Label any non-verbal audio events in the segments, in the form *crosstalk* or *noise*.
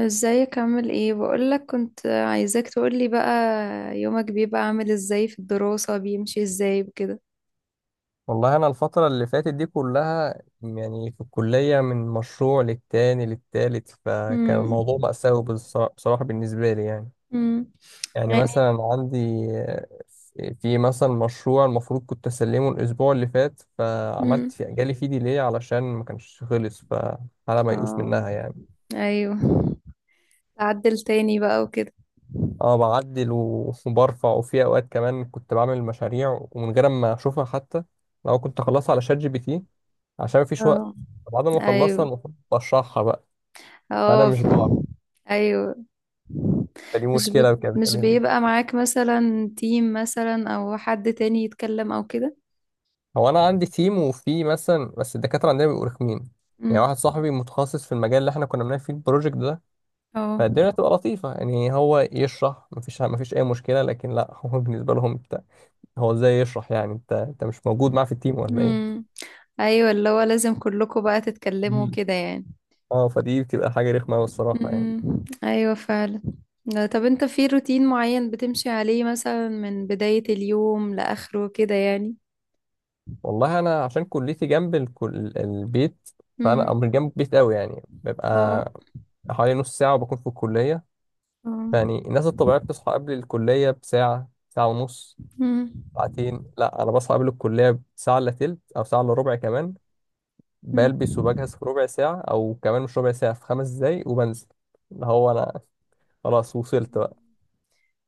ازيك، عامل ايه؟ بقولك، كنت عايزاك تقولي بقى. يومك بيبقى عامل ازاي؟ في الدراسة بيمشي ازاي بكده؟ والله أنا الفترة اللي فاتت دي كلها يعني في الكلية من مشروع للتاني للتالت، فكان امم. الموضوع مأساوي بصراحة بالنسبة لي يعني امم. يعني يعني. مثلا عندي آه، في مثلا مشروع المفروض كنت أسلمه الأسبوع اللي فات، امم. فعملت في جالي فيه ديلي علشان ما كانش خلص، فحالة ميؤوس اه. منها يعني. ايوه. تعدل تاني بقى وكده؟ اه بعدل و- وبرفع، وفي أوقات كمان كنت بعمل مشاريع ومن غير ما أشوفها حتى، لو كنت أخلصها على شات جي بي تي عشان مفيش وقت. اه. بعد ما اخلصها ايوه. المفروض بشرحها بقى، انا اه. مش بعرف، ايوه. فدي مشكله كانت مش بتقابلني. بيبقى معاك مثلا تيم، مثلا او حد تاني يتكلم او كده؟ هو انا عندي تيم، وفي مثلا بس الدكاتره عندنا بيبقوا رخمين. يعني واحد امم. صاحبي متخصص في المجال اللي احنا كنا بنعمل فيه البروجكت ده، اه. فالدنيا بتبقى لطيفه يعني، هو يشرح مفيش اي مشكله، لكن لا، هو بالنسبه لهم انت هو ازاي يشرح؟ يعني انت مش موجود معاه في التيم ولا ايه؟ امم. ايوه، اللي هو لازم كلكم بقى تتكلموا مم. كده يعني. اه، فدي بتبقى حاجة رخمة أوي الصراحة يعني. امم. ايوه فعلا. لا، طب انت في روتين معين بتمشي عليه مثلا من بداية اليوم لآخره كده يعني؟ والله أنا عشان كليتي جنب البيت، فأنا امم. أو مش جنب البيت أوي يعني، اه. ببقى حوالي نص ساعة وبكون في الكلية. اه. يعني الناس الطبيعية بتصحى قبل الكلية بساعة، ساعة ونص، امم. ساعتين، لا أنا بصحى قبل الكلية بساعة إلا تلت أو ساعة إلا ربع كمان. امم. بلبس وبجهز في ربع ساعة، أو كمان مش ربع ساعة، في 5 دقايق وبنزل. اللي هو أنا خلاص وصلت بقى.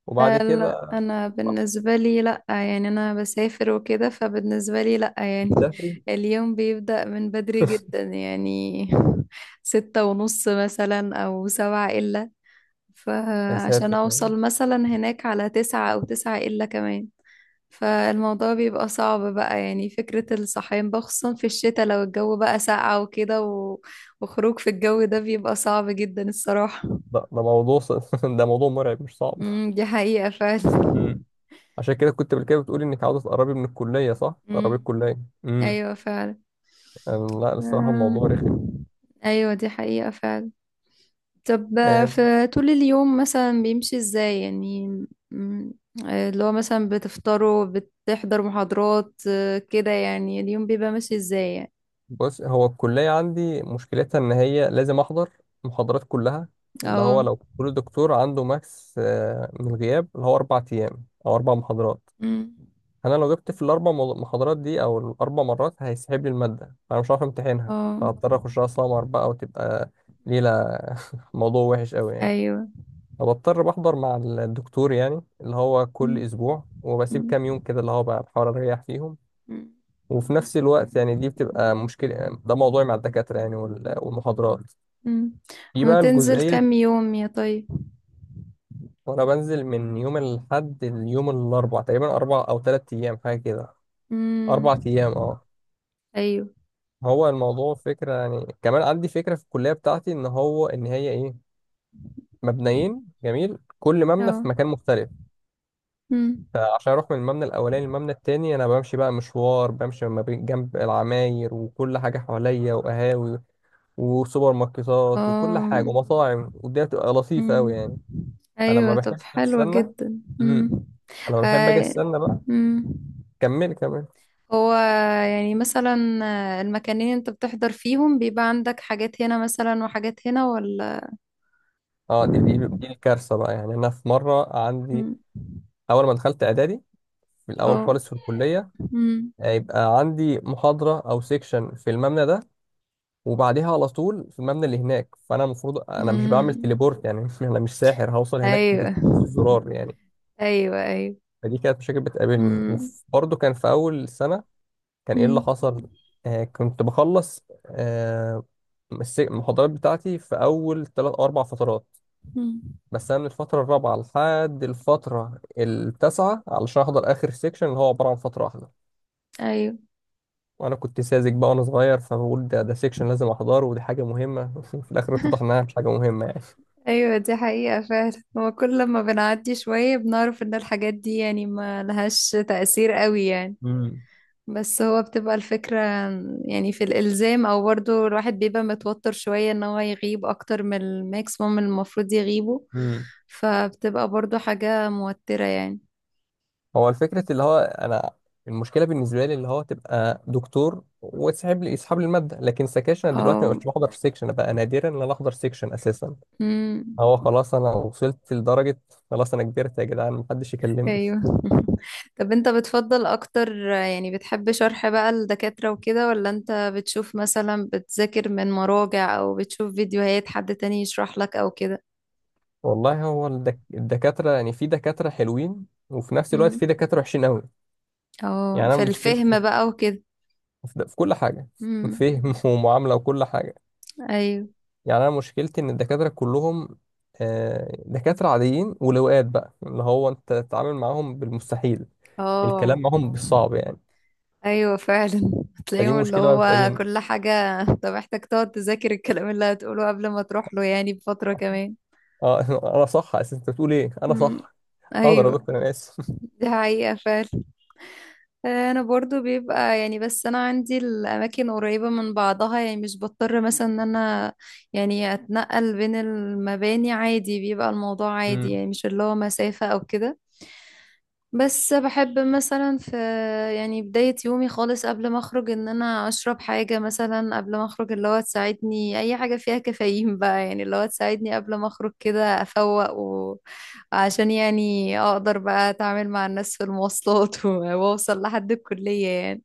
وبعد لا كده لا، انا باخد بالنسبة لي لا يعني، انا بسافر وكده، فبالنسبة لي لا يعني. سفري. *laughs* اليوم بيبدأ من بدري *laughs* جدا يعني، 6:30 مثلا او سبعة الا. يا فعشان ساتر، اوصل مثلا هناك على 9 او 9 الا كمان. فالموضوع بيبقى صعب بقى، يعني فكرة الصحيان بقى، خصوصا في الشتاء لو الجو بقى ساقع وكده وخروج في الجو ده بيبقى صعب جدا الصراحة. ده موضوع ص- *laughs* ده موضوع مرعب مش صعب. امم، دي حقيقة فعلا. امم عشان كده كنت قبل كده بتقولي انك عاوزه تقربي من الكليه صح؟ تقربي امم. الكليه. امم ايوه فعلا. لا، الصراحه أم. الموضوع رخم. ايوه، دي حقيقة فعلا. طب، آه، في طول اليوم مثلا بيمشي ازاي يعني؟ أمم. اللي هو مثلا بتفطروا، بتحضر محاضرات، كده يعني اليوم بيبقى ماشي ازاي يعني؟ بص، هو الكلية عندي مشكلتها إن هي لازم أحضر محاضرات كلها، اللي هو اه. لو كل دكتور عنده ماكس من الغياب اللي هو 4 أيام أو 4 محاضرات، أمم. أنا لو جبت في الأربع محاضرات دي أو الأربع مرات هيسحب لي المادة، فأنا مش هعرف أمتحنها، اه. فهضطر أخشها سمر بقى، وتبقى ليلة. *laughs* موضوع وحش أوي يعني. ايوه. فبضطر بحضر مع الدكتور يعني، اللي هو كل مم. أسبوع، وبسيب مم. كام يوم كده اللي هو بقى بحاول أريح فيهم. مم. وفي نفس الوقت يعني دي بتبقى مشكلة، ده موضوعي مع الدكاترة يعني، وال- والمحاضرات. مم. في بقى بتنزل الجزئية. كام يوم يا طيب؟ وأنا بنزل من يوم الأحد ليوم الأربع تقريبا، 4 أو 3 أيام حاجة كده، مم. 4 أيام أه. ايوه. هو الموضوع فكرة يعني، كمان عندي فكرة في الكلية بتاعتي إن هو إن هي إيه، مبنيين جميل، كل مبنى اه. في مكان مختلف. مم. فعشان أروح من المبنى الأولاني للمبنى التاني أنا بمشي بقى مشوار، بمشي ما بين جنب العماير وكل حاجة حواليا، وقهاوي وسوبر ماركتات وكل حاجة اه. ومطاعم، والدنيا بتبقى لطيفة أوي مم. يعني. فلما ايوه، طب بحب حلوة أستنى جدا. مم. امم فلما بحب أجي هاي. أستنى بقى. مم. كمل كمل. هو، يعني مثلا المكانين انت بتحضر فيهم بيبقى عندك حاجات هنا مثلا وحاجات هنا ولا؟ اه، دي الكارثة بقى يعني. أنا في مرة عندي مم. أول ما دخلت إعدادي، في الأول اه. خالص في الكلية، مم. هيبقى عندي محاضرة أو سيكشن في المبنى ده، وبعديها على طول في المبنى اللي هناك، فأنا المفروض، أنا مش بعمل مم. تليبورت يعني، *laughs* أنا مش ساحر هوصل هناك ايوه، بدوس الزرار يعني. ايوه، ايوه. فدي كانت مشاكل بتقابلني. مم. وبرضه كان في أول سنة، كان ايه اللي مم. حصل؟ كنت بخلص المحاضرات بتاعتي في اول 3 أو 4 فترات. مم. بس انا من الفتره الرابعه لحد الفتره التاسعه علشان احضر اخر سيكشن، اللي هو عباره عن فتره واحده. ايوه، وانا كنت ساذج بقى وانا صغير، فبقول ده سيكشن لازم احضره ودي حاجه مهمه. *laughs* في الاخر اتضح انها مش حاجه مهمه يعني. ايوه، دي حقيقة فعلا. هو كل لما بنعدي شوية بنعرف ان الحاجات دي يعني ما لهاش تأثير قوي يعني. مم. بس هو بتبقى الفكرة، يعني في الإلزام، او برضو الواحد بيبقى متوتر شوية ان هو يغيب اكتر من الماكسيموم اللي المفروض يغيبه. مم. فبتبقى برضو حاجة موترة يعني. هو الفكرة اللي هو أنا، المشكلة بالنسبة لي اللي هو تبقى دكتور وتسحب لي، يسحب لي المادة، لكن سكاشن أنا دلوقتي ما بقتش بحضر سيكشن، أنا بقى نادرا إن أنا أحضر سيكشن أساسا. اه. هو خلاص أنا وصلت لدرجة، خلاص أنا كبرت يا جدعان محدش يكلمني. ايوه. *laughs* طب انت بتفضل اكتر يعني، بتحب شرح بقى الدكاترة وكده، ولا انت بتشوف مثلا، بتذاكر من مراجع او بتشوف فيديوهات حد تاني يشرح لك او كده؟ والله هو الدكاترة يعني، في دكاترة حلوين وفي نفس الوقت في امم. دكاترة وحشين أوي. اه، يعني أنا في مشكلتي في, الفهم بقى وكده. في في كل حاجة. *laughs* امم. فهم ومعاملة وكل حاجة. ايوه. يعني انا مشكلتي ان الدكاتره كلهم دكاتره عاديين ولواءات بقى، اللي هو انت تتعامل معاهم بالمستحيل، الكلام اه، معاهم بالصعب يعني. ايوه فعلا. *laughs* فدي هتلاقيهم اللي مشكله بقى هو بتقابلني. كل حاجة انت محتاج تقعد تذاكر الكلام اللي هتقوله قبل ما تروح له، يعني بفترة كمان. اه. *laughs* انا صح اساسا، انت بتقول ايه، انا امم. صح. حاضر يا ايوه، دكتور انا اسف. دي حقيقة فعلا. آه، انا برضو بيبقى يعني، بس انا عندي الاماكن قريبة من بعضها يعني، مش بضطر مثلا ان انا يعني اتنقل بين المباني. عادي، بيبقى الموضوع *laughs* عادي مم. يعني، مش اللي هو مسافة او كده. بس بحب مثلا، في يعني بداية يومي خالص قبل ما اخرج، ان انا اشرب حاجة مثلا قبل ما اخرج، اللي هو تساعدني، اي حاجة فيها كافيين *laughs* بقى يعني، اللي هو تساعدني قبل ما اخرج كده افوق. وعشان يعني اقدر بقى اتعامل مع الناس في المواصلات، *laughs* واوصل لحد الكلية يعني.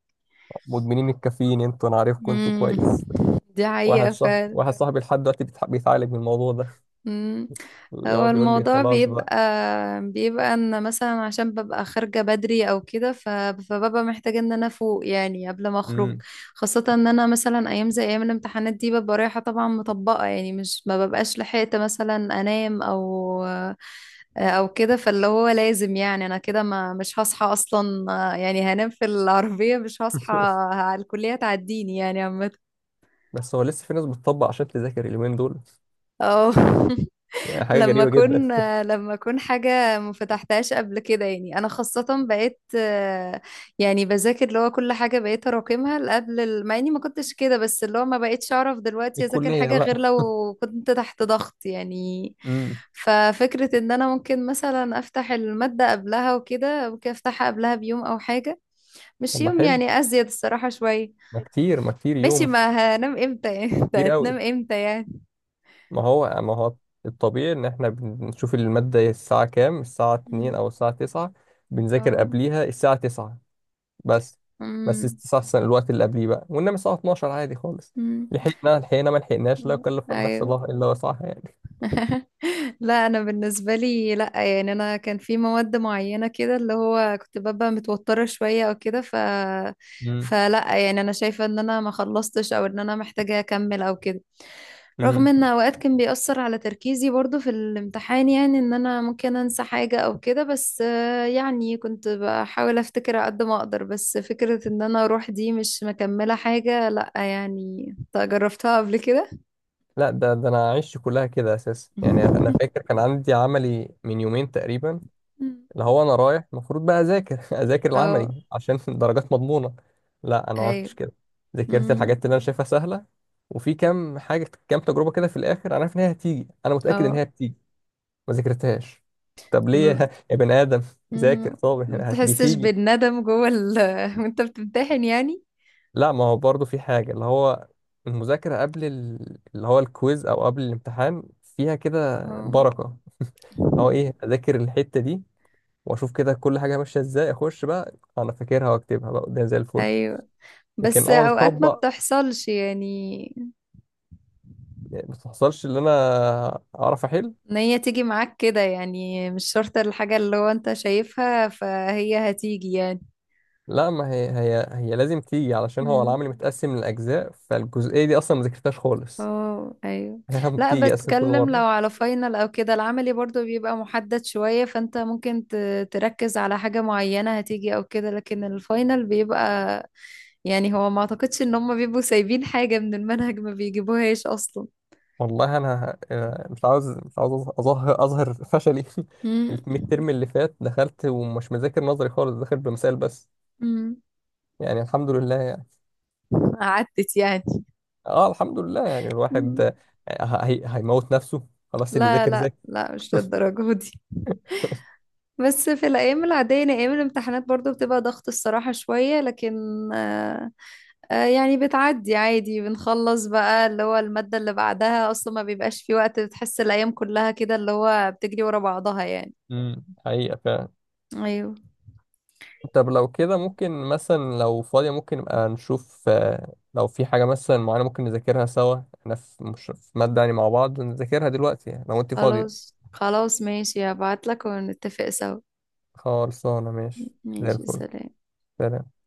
مدمنين الكافيين انتوا، انا عارفكم انتوا امم، كويس. دي حقيقة فعلا. واحد *laughs* صاحبي لحد دلوقتي بيتعالج من الموضوع ده. مم. هو يقعد يقول لي الموضوع خلاص بقى. بيبقى، ان مثلا عشان ببقى خارجة بدري او كده، فببقى محتاجة ان انا افوق يعني قبل ما اخرج. مم. خاصة ان انا مثلا ايام زي ايام الامتحانات دي ببقى رايحة طبعا مطبقة، يعني مش ما ببقاش لحقت مثلا انام او او كده، فاللي هو لازم يعني، انا كده ما مش هصحى اصلا. يعني هنام في العربية مش هصحى *laughs* على الكلية، تعديني يعني عامة. بس هو لسه في ناس بتطبق عشان تذاكر اليومين دول، اه. *laughs* يعني حاجه لما غريبه اكون، جدا. حاجه ما فتحتهاش قبل كده، يعني انا خاصه بقيت، يعني بذاكر اللي هو كل حاجه بقيت اراكمها قبل مع اني ما كنتش كده، بس اللي هو ما بقيتش اعرف *laughs* دلوقتي اذاكر الكليه حاجه غير بقى. لو كنت تحت ضغط يعني. امم ففكره ان انا ممكن مثلا افتح الماده قبلها وكده، ممكن افتحها قبلها بيوم او حاجه، مش طب ما يوم حلو، يعني، ازيد الصراحه شويه. ما كتير ما كتير ماشي، يوم، ما هنام امتى يعني؟ *laughs* كتير هتنام قوي. امتى يعني؟ ما هو الطبيعي ان احنا بنشوف المادة الساعة كام؟ الساعة 2 مم. او الساعة 9، بنذاكر اه. قبليها الساعة 9 بس بس مم. استحسن الوقت اللي قبليه بقى، وانما الساعة 12 عادي خالص. مم. لحقنا لحقنا، ما لحقناش، لا مم. يكلف النفس ايوه. الله الا وسعها يعني. *laughs* لا، انا بالنسبه لي لا يعني، انا كان في مواد معينه كده اللي هو كنت ببقى متوتره شويه او كده، امم فلا يعني، انا شايفه ان انا ما خلصتش او ان انا محتاجه اكمل او كده، رغم امم ان اوقات كان بيأثر على تركيزي برضو في الامتحان، يعني ان انا ممكن انسى حاجه او كده، بس يعني كنت بحاول افتكر على قد ما اقدر، بس فكره ان انا اروح دي مش مكمله حاجه، لا يعني. إنت جربتها قبل كده؟ لا، ده انا عشت كلها كده اساسا. يعني انا فاكر كان عندي عملي من يومين تقريبا، *laughs* اللي هو انا رايح المفروض بقى اذاكر، *laughs* اذاكر اه. العملي عشان *laughs* الدرجات مضمونه. لا انا ما عملتش ايوه. كده، ذاكرت مم. الحاجات اللي انا شايفها سهله، وفي كام حاجه كام تجربه كده في الاخر انا عارف ان هي هتيجي، انا متاكد ان هي اه. هتيجي، ما ذاكرتهاش. طب ليه *laughs* م- يا بني ادم؟ ذاكر مم. طب، ما بتحسش بتيجي. بالندم جوه ال *laughs* وانت بتمتحن يعني؟ لا، ما هو برضه في حاجه، اللي هو المذاكره قبل اللي هو الكويز او قبل الامتحان فيها كده اه. بركه. هو ايه، اذاكر الحته دي، واشوف كده كل حاجه ماشيه ازاي، اخش بقى انا فاكرها واكتبها بقى قدام زي الفل. ايوه، لكن بس اقعد اوقات ما اطبق، بتحصلش يعني، ما تحصلش ان انا اعرف احل. ان هي تيجي معاك كده يعني، مش شرط الحاجة اللي هو انت شايفها فهي هتيجي يعني. لا، ما هي لازم تيجي، علشان هو مم. العمل متقسم لاجزاء، فالجزئيه دي اصلا ما ذاكرتهاش خالص. اه. ايوه. *laughs* هي لا، بتيجي اصلا كل بتكلم لو مره. على فاينل او كده، العملي برضو بيبقى محدد شوية، فانت ممكن تركز على حاجة معينة هتيجي او كده، لكن الفاينل بيبقى، يعني هو ما اعتقدش ان هم بيبقوا سايبين حاجة من المنهج ما بيجيبوهاش اصلا. والله انا مش عاوز اظهر فشلي. *laughs* مم. الميد ترم اللي فات دخلت ومش مذاكر نظري خالص، داخل بمثال بس. مم. يعني الحمد لله يعني. عدت يعني؟ اه الحمد لله يعني، الواحد مم. هي هيموت نفسه، خلاص اللي لا، ذاكر لا، ذاكر. لا، مش *laughs* للدرجة دي. بس في الأيام العادية، يعني أيام الامتحانات برضو بتبقى ضغط الصراحة شوية، لكن آه، آه، يعني بتعدي عادي. بنخلص بقى اللي هو المادة اللي بعدها، أصلا ما بيبقاش في وقت، بتحس الأيام كلها كده اللي هو بتجري ورا بعضها يعني. حقيقة. أيوه. طب لو كده ممكن مثلا لو فاضية ممكن نبقى نشوف لو في حاجة مثلا معينة ممكن نذاكرها سوا، احنا مش في مادة يعني، مع بعض نذاكرها دلوقتي يعني، لو انت فاضية. خلاص، خلاص، ماشي، هبعتلك ونتفق سوا. خلصانة ماشي. زي ماشي، الفل. سلام. سلام.